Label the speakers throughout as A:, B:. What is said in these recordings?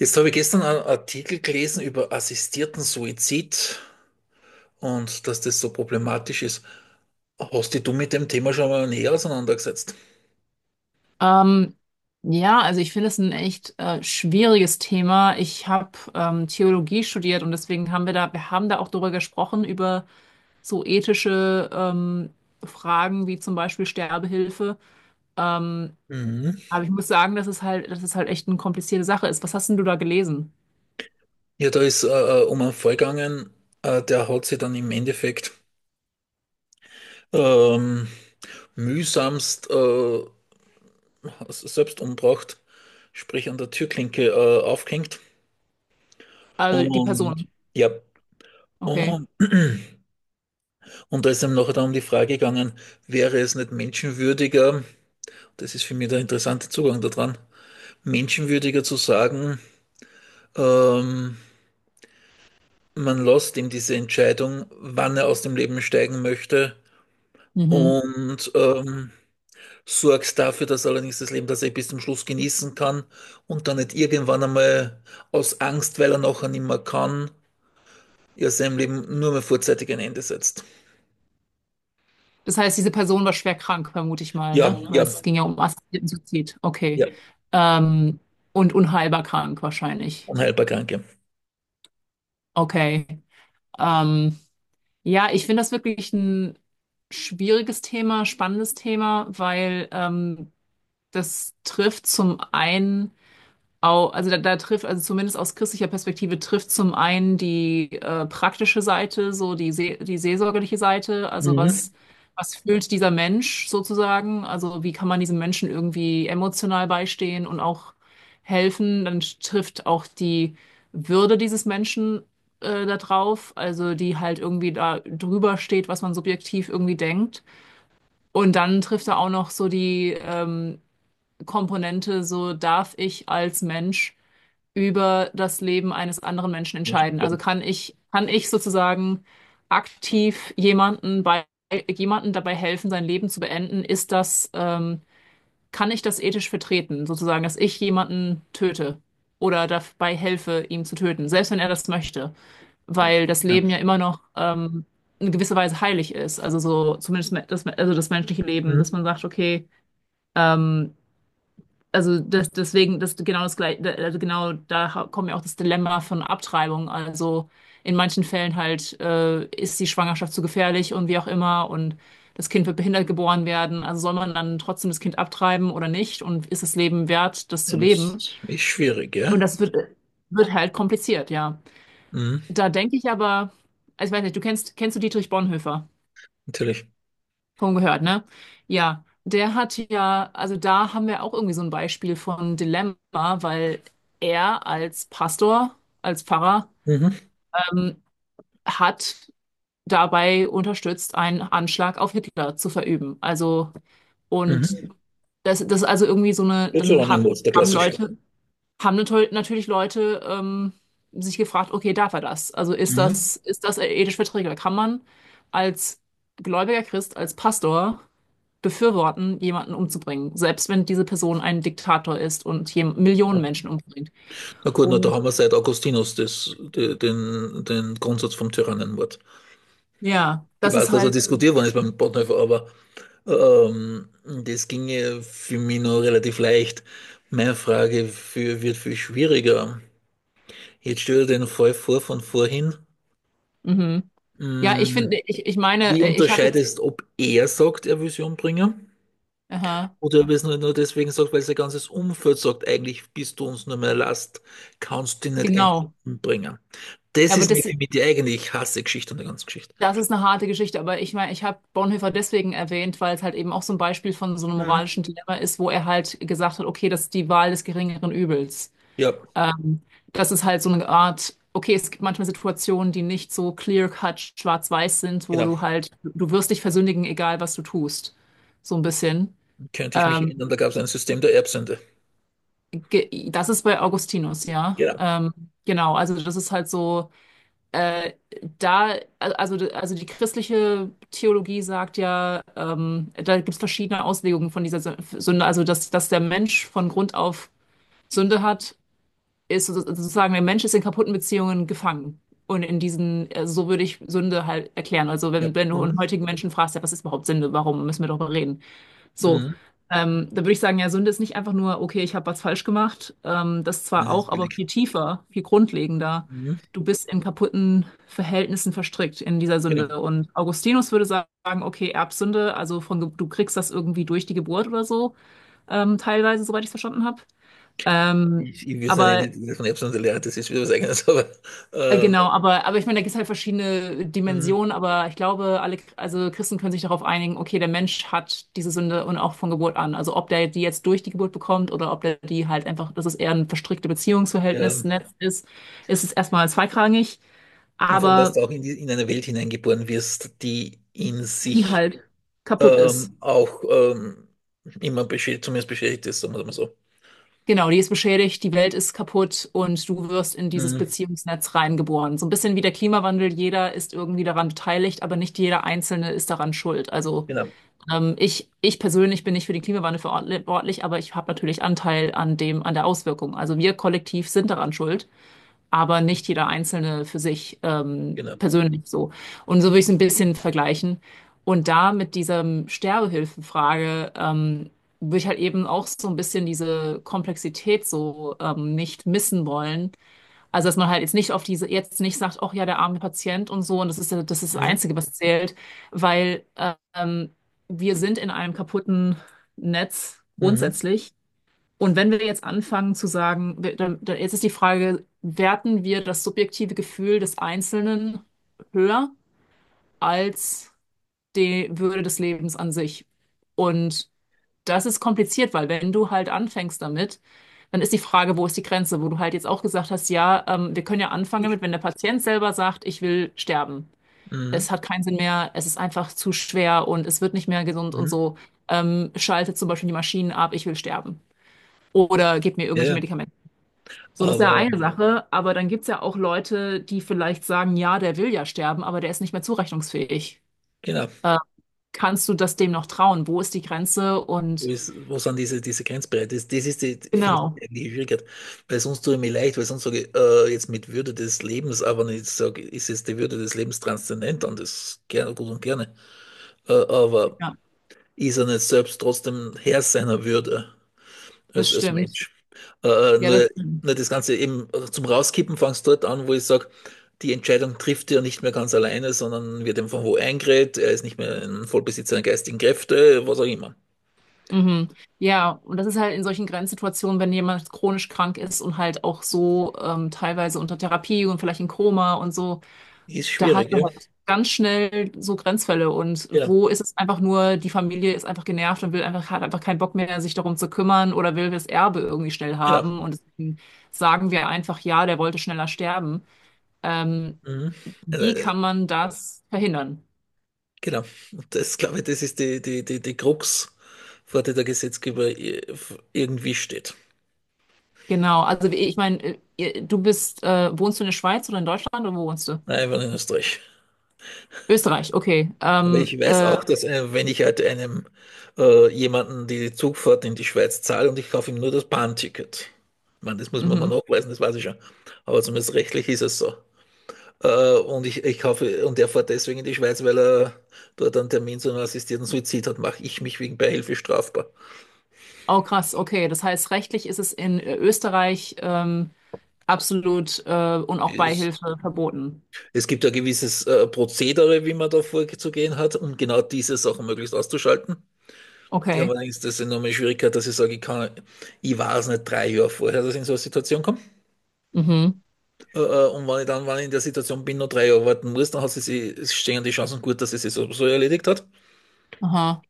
A: Jetzt habe ich gestern einen Artikel gelesen über assistierten Suizid und dass das so problematisch ist. Hast dich du mit dem Thema schon mal näher auseinandergesetzt?
B: Ähm, ja, also ich finde es ein echt schwieriges Thema. Ich habe Theologie studiert und deswegen haben wir da, wir haben da auch drüber gesprochen, über so ethische Fragen wie zum Beispiel Sterbehilfe. Ähm,
A: Mhm.
B: aber ich muss sagen, dass es halt echt eine komplizierte Sache ist. Was hast denn du da gelesen?
A: Ja, da ist um einen Fall gegangen, der hat sich dann im Endeffekt ähm, mühsamst selbst umgebracht, sprich an der Türklinke aufgehängt.
B: Also die
A: Und
B: Person.
A: ja,
B: Okay.
A: und und da ist einem nachher dann um die Frage gegangen, wäre es nicht menschenwürdiger, das ist für mich der interessante Zugang daran, menschenwürdiger zu sagen, ähm, man lässt ihm diese Entscheidung, wann er aus dem Leben steigen möchte,
B: Mhm.
A: und sorgt dafür, dass allerdings das Leben, das er bis zum Schluss genießen kann und dann nicht irgendwann einmal aus Angst, weil er nachher nicht mehr kann, ja seinem Leben nur mehr vorzeitig ein Ende setzt.
B: Das heißt, diese Person war schwer krank, vermute ich mal,
A: Ja,
B: ne? Weil
A: ja,
B: es ging ja um assistierten Suizid.
A: ja,
B: Okay. Ähm, und unheilbar krank wahrscheinlich.
A: unheilbar Kranke.
B: Okay. Ähm, ja, ich finde das wirklich ein schwieriges Thema, spannendes Thema, weil das trifft zum einen also da trifft, also zumindest aus christlicher Perspektive trifft zum einen die praktische Seite, so die seelsorgerliche Seite,
A: Mhm.
B: was fühlt dieser Mensch sozusagen, also wie kann man diesem Menschen irgendwie emotional beistehen und auch helfen, dann trifft auch die Würde dieses Menschen da drauf, also die halt irgendwie da drüber steht, was man subjektiv irgendwie denkt. Und dann trifft da auch noch so die Komponente, so darf ich als Mensch über das Leben eines anderen Menschen entscheiden. Also kann ich sozusagen aktiv jemanden bei, jemanden dabei helfen, sein Leben zu beenden? Kann ich das ethisch vertreten, sozusagen, dass ich jemanden töte oder dabei helfe, ihn zu töten, selbst wenn er das möchte, weil das
A: Ja.
B: Leben ja immer noch, in gewisser Weise heilig ist, also so zumindest das, also das menschliche Leben, dass
A: Mhm.
B: man sagt, okay, ähm, also das genau das gleiche, also genau da kommt ja auch das Dilemma von Abtreibung. Also in manchen Fällen halt ist die Schwangerschaft zu gefährlich und wie auch immer und das Kind wird behindert geboren werden. Also soll man dann trotzdem das Kind abtreiben oder nicht? Und ist das Leben wert, das
A: Ja,
B: zu
A: das
B: leben?
A: ist echt schwierig, ja?
B: Und das wird halt kompliziert, ja.
A: Mhm.
B: Da denke ich aber, also ich weiß nicht, kennst du Dietrich Bonhoeffer?
A: Natürlich.
B: Schon gehört, ne? Ja, der hat ja, also da haben wir auch irgendwie so ein Beispiel von Dilemma, weil er als Pastor, als Pfarrer,
A: Mhm.
B: ähm, hat dabei unterstützt, einen Anschlag auf Hitler zu verüben. Also, und
A: Mhm.
B: das ist also irgendwie so eine,
A: Deuteronymos, der
B: haben
A: klassische.
B: Leute, haben natürlich Leute sich gefragt, okay, darf er das? Also ist
A: Mhm.
B: das, ist das ethisch verträglich? Kann man als gläubiger Christ, als Pastor befürworten, jemanden umzubringen, selbst wenn diese Person ein Diktator ist und hier Millionen
A: Ja.
B: Menschen umbringt.
A: Na gut, na, da
B: Und
A: haben wir seit Augustinus den Grundsatz vom Tyrannenmord.
B: ja,
A: Ich
B: das
A: weiß,
B: ist
A: dass er
B: halt,
A: diskutiert worden ist beim Bonhoeffer, aber ähm, das ginge für mich noch relativ leicht. Meine Frage für, wird viel schwieriger. Jetzt stell dir den Fall vor von vorhin.
B: mhm. Ja, ich finde,
A: Mhm.
B: ich meine,
A: Wie
B: ich habe jetzt,
A: unterscheidest, ob er sagt, er will sie umbringen?
B: aha,
A: Oder wir es nur deswegen sagt, weil sein ganzes Umfeld sagt, eigentlich bist du uns nur mehr Last, kannst dich nicht endlich
B: genau.
A: umbringen.
B: Ja,
A: Das
B: aber
A: ist nämlich
B: das,
A: für mich die eigentlich hasse Geschichte an der ganzen Geschichte.
B: das ist eine harte Geschichte. Aber ich meine, ich habe Bonhoeffer deswegen erwähnt, weil es halt eben auch so ein Beispiel von so einem moralischen Dilemma ist, wo er halt gesagt hat, okay, das ist die Wahl des geringeren Übels.
A: Ja,
B: Ähm, Das ist halt so eine Art, okay, es gibt manchmal Situationen, die nicht so clear-cut schwarz-weiß sind, wo
A: genau.
B: du halt, du wirst dich versündigen, egal was du tust. So ein bisschen.
A: Könnte ich mich
B: Ähm,
A: erinnern, da gab es ein System der Erbsünde.
B: Das ist bei Augustinus, ja.
A: Genau.
B: Genau, also das ist halt so, äh, da, also die christliche Theologie sagt ja, da gibt es verschiedene Auslegungen von dieser Sünde, also dass der Mensch von Grund auf Sünde hat ist sozusagen, der Mensch ist in kaputten Beziehungen gefangen. Und in diesen, so würde ich Sünde halt erklären. Also
A: Ja.
B: wenn du einen
A: Mhm.
B: heutigen Menschen fragst, ja, was ist überhaupt Sünde? Warum müssen wir darüber reden? So,
A: Mhm.
B: da würde ich sagen, ja, Sünde ist nicht einfach nur, okay, ich habe was falsch gemacht. Das
A: Das
B: zwar
A: ist
B: auch, aber
A: billig.
B: viel tiefer, viel grundlegender.
A: Mhm.
B: Du bist in kaputten Verhältnissen verstrickt in dieser
A: Genau.
B: Sünde. Und Augustinus würde sagen, okay, Erbsünde, also du kriegst das irgendwie durch die Geburt oder so, teilweise, soweit ich es verstanden habe. Ähm,
A: Ich will
B: aber
A: es nicht von Erbsünde lernen, das ist wieder was Eigenes, aber ähm,
B: Genau, aber ich meine, da gibt es halt verschiedene
A: mhm,
B: Dimensionen, aber ich glaube, alle, also Christen können sich darauf einigen, okay, der Mensch hat diese Sünde und auch von Geburt an. Also ob der die jetzt durch die Geburt bekommt oder ob der die halt einfach, dass es eher ein verstrickte
A: ja.
B: Beziehungsverhältnis, Netz ist, ist es erstmal zweitrangig,
A: Und vor allem, dass
B: aber
A: du auch in eine Welt hineingeboren wirst, die in
B: die
A: sich
B: halt kaputt ist.
A: auch immer beschäftigt, zumindest beschäftigt ist, sagen wir mal so.
B: Genau, die ist beschädigt, die Welt ist kaputt und du wirst in dieses
A: Mhm.
B: Beziehungsnetz reingeboren. So ein bisschen wie der Klimawandel, jeder ist irgendwie daran beteiligt, aber nicht jeder Einzelne ist daran schuld. Also
A: Genau,
B: ich persönlich bin nicht für den Klimawandel verantwortlich, aber ich habe natürlich Anteil an dem, an der Auswirkung. Also wir kollektiv sind daran schuld, aber nicht jeder Einzelne für sich
A: genau.
B: persönlich so. Und so würde ich es ein bisschen vergleichen. Und da mit dieser Sterbehilfenfrage würde ich halt eben auch so ein bisschen diese Komplexität so nicht missen wollen also, dass man halt jetzt nicht auf diese, jetzt nicht sagt, ach ja, der arme Patient und so, und das ist, das ist das
A: Mhm.
B: Einzige, was zählt, weil ähm, wir sind in einem kaputten Netz
A: Mhm.
B: grundsätzlich. Und wenn wir jetzt anfangen zu sagen, jetzt ist die Frage, werten wir das subjektive Gefühl des Einzelnen höher als die Würde des Lebens an sich? Und das ist kompliziert, weil wenn du halt anfängst damit, dann ist die Frage, wo ist die Grenze, wo du halt jetzt auch gesagt hast, ja, wir können ja anfangen
A: Ich.
B: damit, wenn der Patient selber sagt, ich will sterben.
A: Mhm.
B: Es hat keinen Sinn mehr, es ist einfach zu schwer und es wird nicht mehr gesund und
A: Mhm.
B: so. Schaltet zum Beispiel die Maschinen ab, ich will sterben. Oder gebt mir
A: Ja,
B: irgendwelche
A: ja.
B: Medikamente. So, das ist ja
A: Aber
B: eine Sache, aber dann gibt's ja auch Leute, die vielleicht sagen, ja, der will ja sterben, aber der ist nicht mehr zurechnungsfähig.
A: genau,
B: Äh, Kannst du das dem noch trauen? Wo ist die Grenze?
A: wo,
B: Und
A: ist, wo sind diese Grenzbereiche? Das ist die, finde
B: genau.
A: ich, eigentlich die Schwierigkeit, weil sonst tue ich mir leid, weil sonst sage ich jetzt mit Würde des Lebens, aber nicht sage, ist jetzt die Würde des Lebens transzendent und das gerne, gut und gerne, aber
B: Ja.
A: ist er nicht selbst trotzdem Herr seiner Würde
B: Das
A: als, als
B: stimmt.
A: Mensch? Äh,
B: Ja, das
A: nur,
B: stimmt.
A: nur das Ganze eben zum Rauskippen fangst dort an, wo ich sage, die Entscheidung trifft er nicht mehr ganz alleine, sondern wird ihm von wo eingeredet, er ist nicht mehr ein Vollbesitzer der geistigen Kräfte, was auch immer.
B: Mhm. Ja, und das ist halt in solchen Grenzsituationen, wenn jemand chronisch krank ist und halt auch so teilweise unter Therapie und vielleicht in Koma und so,
A: Ist
B: da hat
A: schwierig,
B: man
A: ja?
B: halt ganz schnell so Grenzfälle. Und
A: Genau,
B: wo ist es einfach nur, die Familie ist einfach genervt und will einfach, hat einfach keinen Bock mehr, sich darum zu kümmern oder will das Erbe irgendwie schnell
A: genau.
B: haben. Und deswegen sagen wir einfach, ja, der wollte schneller sterben. Ähm,
A: Mhm.
B: Wie
A: Äh,
B: kann man das verhindern?
A: genau. Und das, glaube ich, das ist die Krux, vor der der Gesetzgeber irgendwie steht.
B: Genau, also wie- ich meine, du bist, wohnst du in der Schweiz oder in Deutschland oder wo wohnst du?
A: Nein, ich war in Österreich.
B: Österreich, okay.
A: Aber ich weiß auch, dass wenn ich halt einem jemanden die Zugfahrt in die Schweiz zahle und ich kaufe ihm nur das Bahnticket. Ich meine, das muss man mal
B: Mhm.
A: nachweisen, das weiß ich schon. Aber zumindest rechtlich ist es so. Und ich kaufe, und er fährt deswegen in die Schweiz, weil er dort einen Termin zu einem assistierten Suizid hat, mache ich mich wegen Beihilfe strafbar.
B: Oh krass, okay. Das heißt, rechtlich ist es in Österreich absolut und auch
A: Ist.
B: Beihilfe verboten.
A: Es gibt ja gewisses Prozedere, wie man da vorzugehen hat, um genau diese Sachen möglichst auszuschalten. Die haben
B: Okay.
A: allerdings das enorme Schwierigkeit, dass ich sage, ich weiß nicht drei Jahre vorher, dass ich in so eine Situation komme.
B: Mhm.
A: Und wenn ich dann, wenn ich in der Situation bin, noch drei Jahre warten muss, dann hat es stehen die Chancen gut, dass sie sich so erledigt hat.
B: Aha.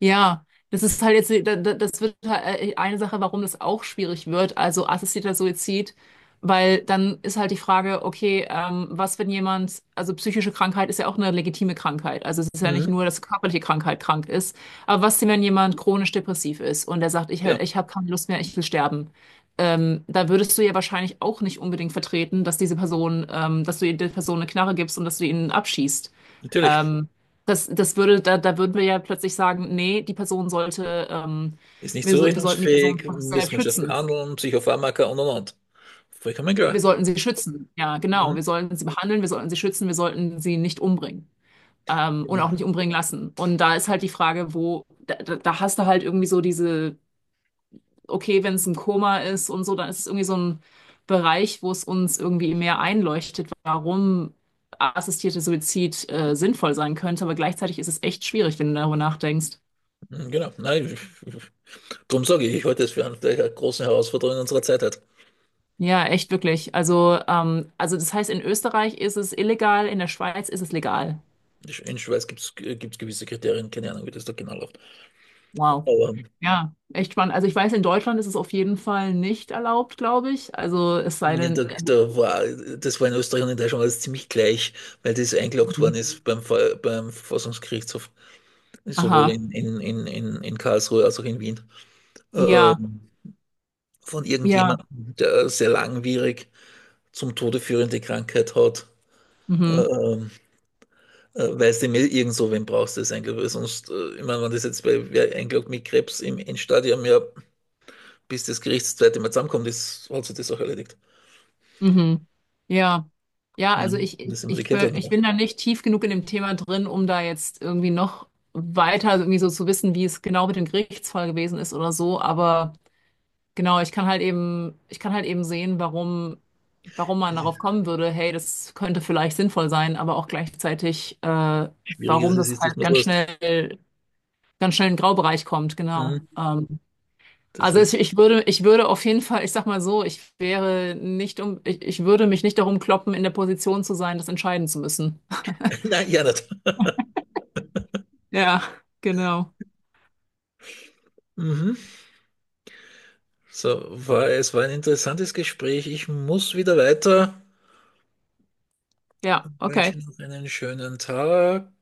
B: Ja, das ist halt jetzt, das wird halt eine Sache, warum das auch schwierig wird, also assistierter Suizid, weil dann ist halt die Frage, okay, was, wenn jemand, also psychische Krankheit ist ja auch eine legitime Krankheit, also es ist ja nicht
A: Mhm.
B: nur, dass körperliche Krankheit krank ist, aber was, denn, wenn jemand chronisch depressiv ist und der sagt, ich,
A: Ja,
B: ich habe keine Lust mehr, ich will sterben, da würdest du ja wahrscheinlich auch nicht unbedingt vertreten, dass diese Person, dass du der Person eine Knarre gibst und dass du ihn abschießt.
A: natürlich.
B: Ähm, da würden wir ja plötzlich sagen, nee, die Person sollte,
A: Ist nicht
B: wir sollten die Person
A: zurechnungsfähig, müssen
B: selbst
A: wir das
B: schützen.
A: behandeln, Psychopharmaka und und. Vollkommen
B: Wir
A: klar.
B: sollten sie schützen. Ja, genau.
A: Mhm.
B: Wir sollten sie behandeln, wir sollten sie schützen, wir sollten sie nicht umbringen. Und
A: Genau.
B: auch nicht umbringen lassen. Und da ist halt die Frage, wo, da, da da hast du halt irgendwie so diese, okay, wenn es ein Koma ist und so, dann ist es irgendwie so ein Bereich, wo es uns irgendwie mehr einleuchtet, warum assistierter Suizid, sinnvoll sein könnte. Aber gleichzeitig ist es echt schwierig, wenn du darüber nachdenkst.
A: Mhm, genau. Nein, ich, darum sage ich, ich halte es für eine der großen Herausforderungen unserer Zeit halt.
B: Ja, echt wirklich. Also das heißt, in Österreich ist es illegal, in der Schweiz ist es legal.
A: In Schweiz gibt es gewisse Kriterien, keine Ahnung, wie das da genau läuft.
B: Wow.
A: Aber
B: Ja, echt spannend. Also ich weiß, in Deutschland ist es auf jeden Fall nicht erlaubt, glaube ich. Also es sei
A: ja,
B: denn,
A: das war in Österreich und in Deutschland alles ziemlich gleich, weil das eingeloggt worden ist beim Verfassungsgerichtshof, sowohl
B: aha,
A: in Karlsruhe als auch in Wien, äh, äh,
B: ja,
A: von
B: ja,
A: irgendjemandem, der sehr langwierig zum Tode führende Krankheit hat. Äh,
B: mhm,
A: ähm, weißt du, mir irgend so, wen brauchst du das eigentlich? Weil sonst, ich meine, wenn das jetzt bei wer eingeloggt mit Krebs im Endstadium ja, bis das Gericht das zweite Mal zusammenkommt, ist, hat sich das auch erledigt.
B: mhm, ja.
A: Ich
B: Ja, also
A: meine,
B: ich, ich,
A: das sind wir die
B: ich
A: Kälte
B: be- ich
A: noch.
B: bin da nicht tief genug in dem Thema drin, um da jetzt irgendwie noch weiter so irgendwie so zu wissen, wie es genau mit dem Gerichtsfall gewesen ist oder so, aber. Genau, ich kann halt eben sehen, warum, warum man darauf kommen würde, hey, das könnte vielleicht sinnvoll sein, aber auch gleichzeitig,
A: Schwierig ist
B: warum
A: es,
B: das
A: ist, dass
B: halt
A: man es löst.
B: ganz schnell in den Graubereich kommt, genau.
A: Mhm. Das
B: Also es,
A: ist,
B: ich würde auf jeden Fall, ich sag mal so, ich wäre nicht um, ich würde mich nicht darum kloppen, in der Position zu sein, das entscheiden zu müssen.
A: nein, ja nicht.
B: Ja, genau.
A: Mhm. So, es war ein interessantes Gespräch. Ich muss wieder weiter. Ich
B: Ja,
A: wünsche
B: okay.
A: noch einen schönen Tag.